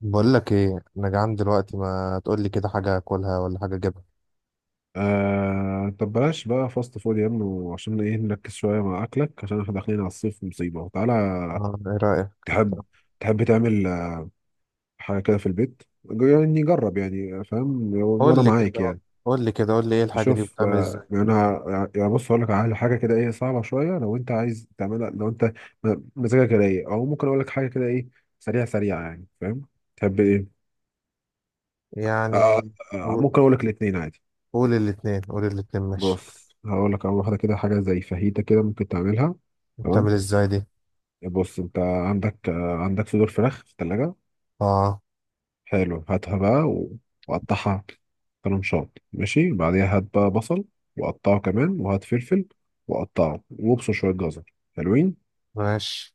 بقول لك ايه، انا جعان دلوقتي. ما تقول لي كده حاجه اكلها ولا حاجه اجيبها؟ آه، طب بلاش بقى فاست فود يا ابني، عشان ايه؟ نركز شوية مع أكلك عشان احنا داخلين على الصيف مصيبة. تعالى. آه، ايه رايك؟ تحب تحب تعمل حاجة كده في البيت؟ يعني جرب، يعني فاهم، وأنا قول لي معاك كده يعني. قول لي كده. قول لي ايه الحاجه دي شوف، بتعمل ازاي؟ يعني أنا يعني بص هقول لك على حاجة كده ايه، صعبة شوية لو أنت عايز تعملها. لو أنت مزاجك رايق، أو ممكن أقول لك حاجة كده ايه، سريعة سريعة، يعني فاهم. تحب ايه؟ آه، يعني آه، آه، قول ممكن أقول لك الاتنين عادي. قول الاتنين، قول الاتنين، ماشي. بص، هقول لك على واحدة كده، حاجة زي فاهيتا كده ممكن تعملها. تمام. بتعمل ازاي دي؟ بص، انت عندك، عندك صدور فراخ في التلاجة. اه، حلو، هاتها بقى وقطعها طرنشات، ماشي. بعديها هات بقى بصل وقطعه كمان، وهات فلفل وقطعه، وابصر شوية جزر حلوين. ماشي.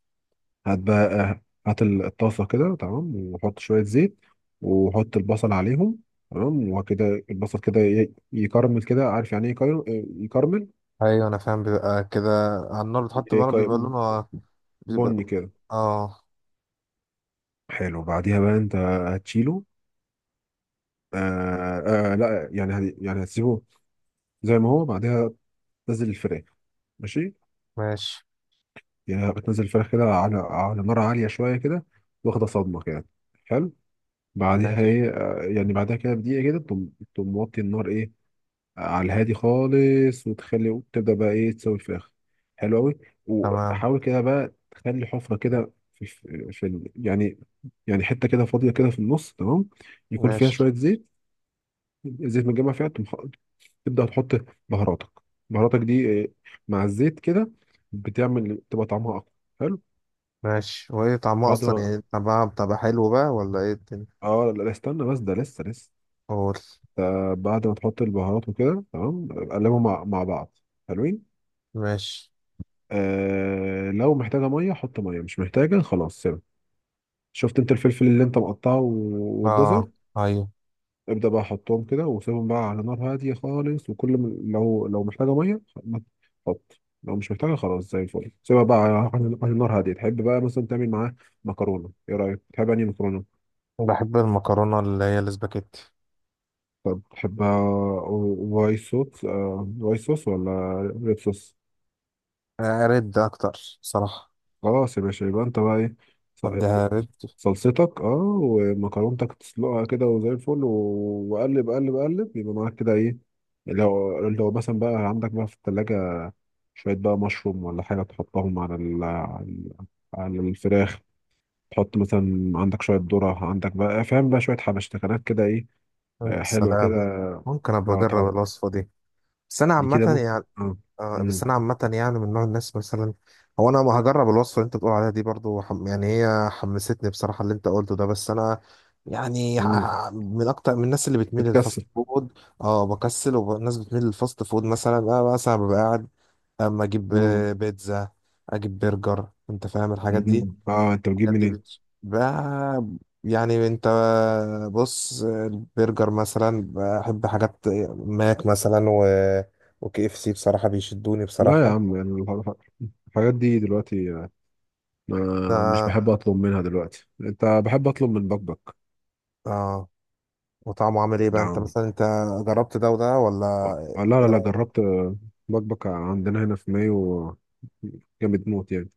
هات بقى، هات الطاسة كده، تمام، وحط شوية زيت وحط البصل عليهم. تمام. وكده البصل كده يكرمل كده، عارف يعني ايه يكرمل؟ يكرمل ايوه انا فاهم، بيبقى كده. على النار بتحط، بقى يك- بيبقى لونها بيبقى. بني كده. اه، حلو. بعديها بقى انت هتشيله؟ آه لا يعني يعني هتسيبه زي ما هو. بعدها تنزل الفراخ. ماشي. ماشي، يعني بتنزل الفراخ كده على نار عالية شوية كده، واخدة صدمة كده. حلو. بعديها ماشي، ايه، يعني بعدها كده بدقيقة كده تقوم موطي النار، ايه، على الهادي خالص. وتخلي وتبدأ بقى ايه، تسوي الفراخ. حلو قوي. تمام، وحاول كده بقى تخلي حفرة كده في يعني، يعني حتة كده فاضية كده في النص. تمام. يكون فيها ماشي، شوية زيت، زيت متجمع فيها. تبدأ تحط بهاراتك بهاراتك دي مع الزيت كده، بتعمل تبقى طعمها أقوى. حلو. ماشي. وايه طعمها بعد اصلا؟ ما، يعني طعمها بتبقى حلو بقى ولا ايه الدنيا؟ اه لا، لا، استنى بس، ده لسه لسه. قول. بعد ما تحط البهارات وكده، تمام، قلبهم مع بعض حلوين. ماشي. آه، لو محتاجة مية حط مية، مش محتاجة خلاص سيبها. شفت انت الفلفل اللي انت مقطعه والجزر؟ اه، ايوه. ابدأ بقى حطهم كده وسيبهم بقى على نار هادية خالص. وكل ما، لو محتاجة مية حط، لو مش محتاجة خلاص زي الفل سيبها بقى على نار هادية. تحب بقى مثلا تعمل معاه مكرونة؟ ايه رأيك، تحب أنهي مكرونة؟ بحب المكرونة اللي هي الاسباجيتي. طب تحبها وايت صوص، ولا ريد صوص؟ آه، رد أكتر صراحة. خلاص يا باشا، يبقى انت بقى ايه، ص- أديها رد. صلصتك، اه، ومكرونتك تسلقها كده وزي الفل. وقلب قلب قلب، يبقى معاك كده، ايه. لو مثلا بقى عندك بقى في التلاجة شوية بقى مشروم ولا حاجة، تحطهم على على الفراخ. تحط مثلا، عندك شوية ذرة، عندك بقى فاهم بقى شوية حبشتكنات كده، ايه، حلوة سلام. كده. ممكن أبقى اه تحط أجرب الوصفة دي؟ بس أنا دي عامة كده، ممكن يعني. اه. آه، بس مم. أنا عامة يعني من نوع الناس مثلا. هو أنا ما هجرب الوصفة اللي أنت بتقول عليها دي برضو؟ يعني هي حمستني بصراحة اللي أنت قلته ده. بس أنا يعني مم. من أكتر من الناس اللي بتميل للفاست بتكسر. فود. أه، بكسل، والناس بتميل للفاست فود. مثلا أنا مثلا ببقى قاعد، اما اجيب مم. بيتزا، اجيب برجر، انت فاهم الحاجات دي. مم. اه، انت بتجيب بجد منين؟ بقى، يعني انت، بص البرجر مثلا، بحب حاجات ماك مثلا، وكي اف سي بصراحة بيشدوني لا يا بصراحة. عم، يعني الحاجات دي دلوقتي، ما مش ده بحب اطلب منها دلوقتي. انت بحب اطلب من بكبك. اه، وطعمه عامل ايه بقى؟ انت نعم. مثلا انت جربت ده وده ولا؟ اه لا، لا، ايه لا، رأيك؟ جربت. بكبك عندنا هنا في مايو، جامد موت يعني،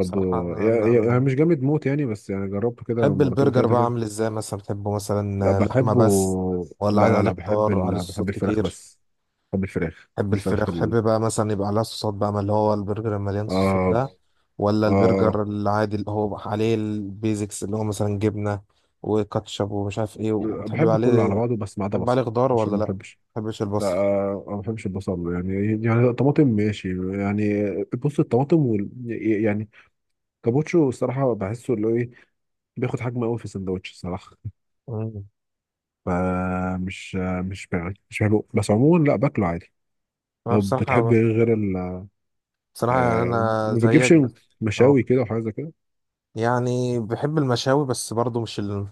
بصراحة، انا يعني أنا مش جامد موت يعني، بس يعني جربته كده بحب مرتين البرجر ثلاثة بقى. كده. عامل ازاي مثلا بتحبه؟ لا مثلا لحمة بحبه. بس ولا لا، عايز لا، عليه لا، بحب خضار، عليه بحب صوصات الفراخ كتير؟ بس. بحب الفراخ، بحب الفراخ الفراخ. بحب بقى مثلا يبقى عليها صوصات، بقى ما اللي هو البرجر المليان صوصات آه. ده، ولا آه، البرجر العادي اللي هو عليه البيزكس، اللي هو مثلا جبنة وكاتشب ومش عارف ايه، وبتحب بحب كله على عليه؟ بعضه بس ما عدا بتحب عليه بصل، خضار عشان ولا ما لا؟ ما بحبش. بحبش لا، البصل. آه، ما بحبش البصل يعني. يعني طماطم ماشي يعني. بص الطماطم يعني كابوتشو، الصراحة بحسه اللي هو ايه، بياخد حجم قوي في السندوتش الصراحة. مم. فمش مش بحبه، بس عموما لا باكله عادي. انا طب بتحب بصراحة، ايه غير؟ بصراحة يعني آه، انا ما زيك بتجيبش بس. اه، مشاوي كده وحاجات زي كده. يعني بحب المشاوي، بس برضو مش ال...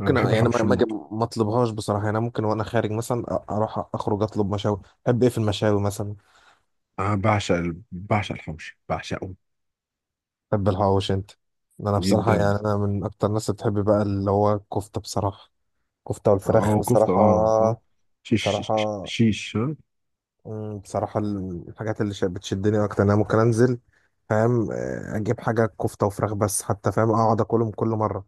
انا بحب يعني ما حوش ما الموت. ما اطلبهاش بصراحة. يعني أنا ممكن وانا خارج مثلا اروح اخرج اطلب مشاوي. بحب ايه في المشاوي مثلا؟ انا بعشق بعشق الحوش، بعشقه تحب الحواوشي انت؟ انا بصراحه، جدا. يعني انا من اكتر الناس اللي بتحب بقى اللي هو الكفته بصراحه. كفته والفراخ اه، كفته، بصراحه. اه، اه، شيش، شيش, بصراحه، شيش. مم، بصراحه الحاجات اللي بتشدني اكتر انا ممكن انزل، فاهم، اجيب حاجه كفته وفراخ بس، حتى فاهم اقعد اكلهم كل مره،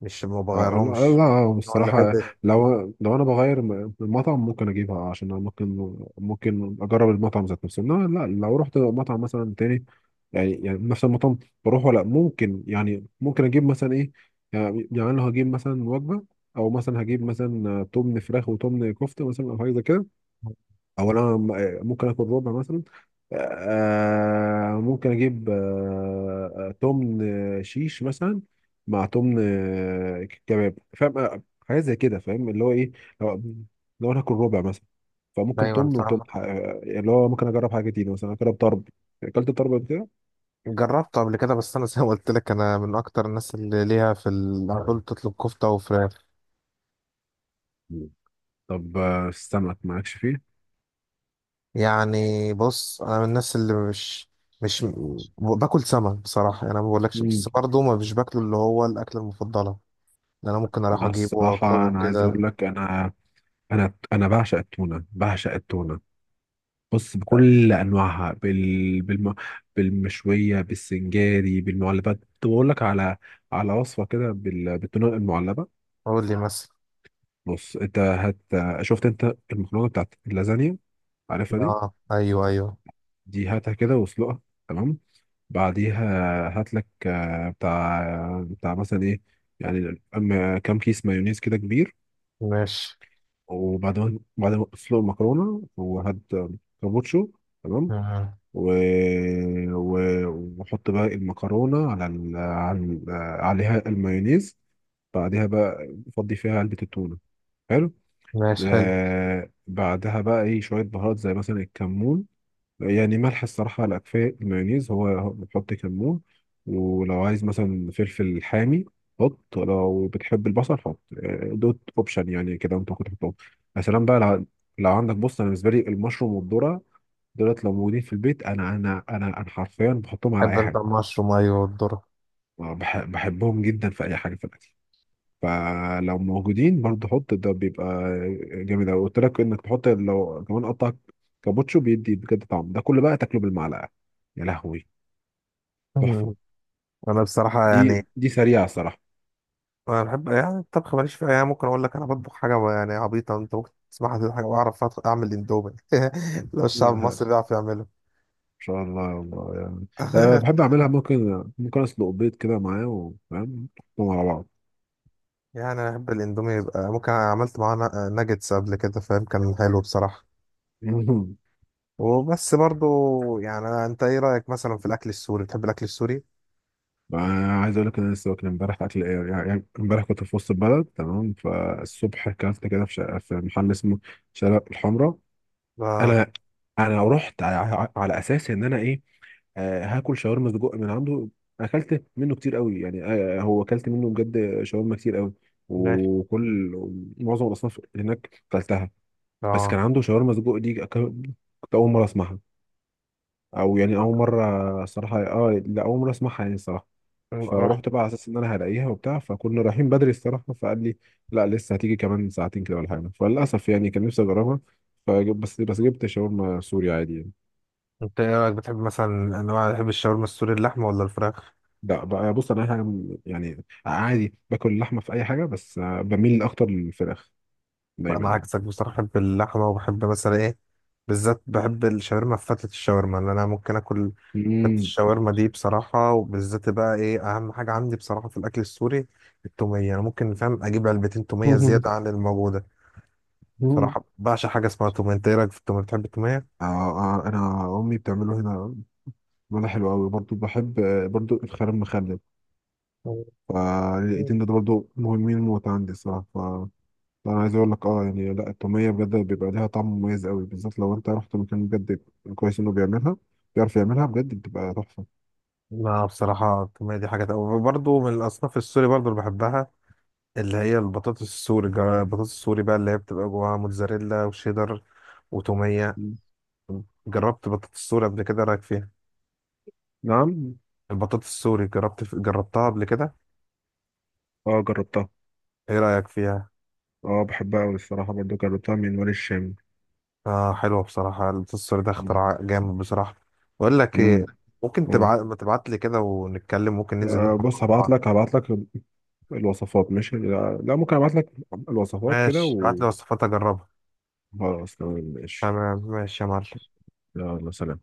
مش ما لا، بغيرهمش. لا، هو اللي بصراحة. احب لو أنا بغير المطعم ممكن أجيبها، عشان أنا ممكن، ممكن أجرب المطعم ذات نفسه، إنما لا، لو رحت مطعم مثلا تاني، يعني نفس المطعم بروح، ولا ممكن يعني ممكن أجيب مثلا إيه، يعني لو هجيب مثلا وجبة، أو مثلا هجيب مثلا تمن فراخ وتمن كفتة مثلا، أو حاجة زي كده. او انا ممكن اكل ربع مثلا، ممكن اجيب، تمن، شيش مثلا، مع تمن، كباب، فاهم، حاجات زي كده، فاهم اللي هو ايه، لو لو انا هاكل ربع مثلا، فممكن دايما، تمن وتمن، فاهم؟ اللي هو ممكن اجرب حاجه جديده، مثلا اجرب طرب. اكلت طرب قبل كده؟ جربته قبل كده، بس انا زي ما قلت لك، انا من اكتر الناس اللي ليها في على طول تطلب كفته وفراخ. مم. طب، السمك مالكش فيه؟ يعني بص، انا من الناس اللي مش، باكل سمك بصراحه. يعني انا ما بقولكش، مم. بس برضه ما مش باكله اللي هو الاكله المفضله اللي انا ممكن اروح أنا اجيبه الصراحه واطلبه انا عايز كده. اقول لك، انا انا بعشق التونه، بعشق التونه. بص، بكل انواعها، بالمشويه، بالسنجاري، بالمعلبات. طب اقول لك على وصفه كده بالتونه المعلبه. قول لي مثلا. بص انت شفت انت المكرونه بتاعت اللازانيا، عارفها دي؟ اه، ايوه، ايوه. دي هاتها كده واسلقها. تمام. بعديها هات لك، بتاع مثلا ايه، يعني أما كام كيس مايونيز كده كبير. ماشي. وبعد ما بعد ما تسلق المكرونه، وهات كابوتشو. تمام. مم. و... و... وأحط بقى المكرونة على عليها المايونيز. بعدها بقى أفضي فيها علبة التونة. حلو. ماشي، حلو. بعدها بقى إيه، شوية بهارات زي مثلا الكمون، يعني ملح الصراحة لا، كفاية المايونيز هو بتحط كمون. ولو عايز مثلا فلفل حامي حط. لو بتحب البصل حط. دوت اوبشن يعني كده انت ممكن تحطهم. يا سلام بقى، لو عندك، بص انا بالنسبه لي المشروم والذره، دولت لو موجودين في البيت، انا حرفيا بحطهم على بحب اي انت حاجه. المشروم؟ ايوه، والذره. بحبهم جدا في اي حاجه في الاكل. فلو موجودين برضه حط، ده بيبقى جامد قوي. قلت لك انك تحط، لو كمان قطع كابوتشو بيدي، بجد طعم ده كله بقى تاكله بالمعلقه. يا لهوي، تحفه. مم. انا بصراحه دي يعني، دي سريعه الصراحه. انا بحب يعني الطبخ ماليش فيها، يعني ممكن اقول لك انا بطبخ حاجه يعني عبيطه انت ممكن تسمعها. دي حاجه بعرف اعمل اندومي. لو الشعب ان المصري بيعرف يعمله. شاء الله يا الله يعني. أه، بحب اعملها. ممكن اسلق بيض كده معاه، وفاهم نحطهم على بعض. يعني انا بحب الاندومي، يبقى ممكن أنا عملت معاه ناجتس قبل كده، فاهم، كان حلو بصراحه. وبس برضو، يعني انت ايه رايك مثلا في الاكل السوري؟ بتحب الاكل السوري؟ عايز اقول لك إن انا لسه واكل امبارح. اكل ايه يعني امبارح كنت في وسط البلد. تمام. فالصبح اكلت كده في شقة، في محل اسمه شارع الحمراء. اه، انا انا رحت على اساس ان انا ايه، هاكل شاورما سجق من عنده. اكلت منه كتير قوي يعني. هو اكلت منه بجد شاورما كتير قوي، ماشي. وكل معظم الاصناف اللي هناك اكلتها. بس كان اه، عنده شاورما سجق دي، كنت اول مره اسمعها، او يعني اول مره الصراحه، اه لا، اول مره اسمعها يعني الصراحه. رحت. فروحت بقى على اساس ان انا هلاقيها وبتاع، فكنا رايحين بدري الصراحه فقال لي لا، لسه هتيجي كمان ساعتين كده ولا حاجه، فللاسف يعني كان نفسي اجربها. فجب بس جبت شاورما سوري عادي يعني. انت ايه رايك؟ بتحب مثلا انواع، بتحب الشاورما السوري اللحمه ولا الفراخ؟ لا بقى، بص انا أي حاجه يعني عادي باكل اللحمه في اي حاجه، بس بميل اكتر للفراخ لا دايما انا يعني. عكسك بصراحه، بحب اللحمه، وبحب مثلا ايه، بالذات بحب الشاورما، فتة الشاورما اللي انا ممكن اكل. فتة امم. الشاورما دي بصراحه. وبالذات بقى ايه اهم حاجه عندي بصراحه في الاكل السوري؟ التوميه. انا ممكن فاهم اجيب علبتين توميه زياده عن الموجوده بصراحه. بعشق حاجه اسمها توميه. انت ايه رايك في التوميه؟ بتحب التوميه؟ آه. آه، انا امي بتعمله هنا، بيعمله حلو قوي. برضو بحب، برضو الخيار المخلل، مم. فالاتنين دول برضو مهمين موت عندي الصراحه. لا، انا عايز اقول لك، يعني لا، التوميه بجد بيبقى ليها طعم مميز قوي، بالذات لو انت رحت مكان بجد كويس انه بيعملها، بيعرف يعملها بجد، بتبقى تحفه. لا بصراحة التومية دي حاجة، برضه من الأصناف السوري برضه اللي بحبها، اللي هي البطاطس السوري. البطاطس السوري بقى اللي هي بتبقى جواها موتزاريلا وشيدر وتومية. مم. جربت بطاطس السوري قبل كده؟ إيه رأيك فيها؟ نعم. البطاطس السوري جربت، قبل كده؟ اه، جربتها. ايه رأيك فيها؟ اه، بحبها قوي الصراحه، برضه جربتها من وادي الشام. آه، حلوة بصراحة. البطاطس السوري ده مم. اختراع جامد بصراحة. بقول لك مم. ايه، ممكن مم. تبعت، ما تبعت لي كده، ونتكلم ممكن ننزل آه، ناكل مع بص، هبعت بعض لك، كده. الوصفات ماشي. لا, لا، ممكن ابعت لك الوصفات كده ماشي بعت لي وصفات اجربها. وخلاص، تمام ماشي. تمام، ماشي يا معلم. يلا سلام.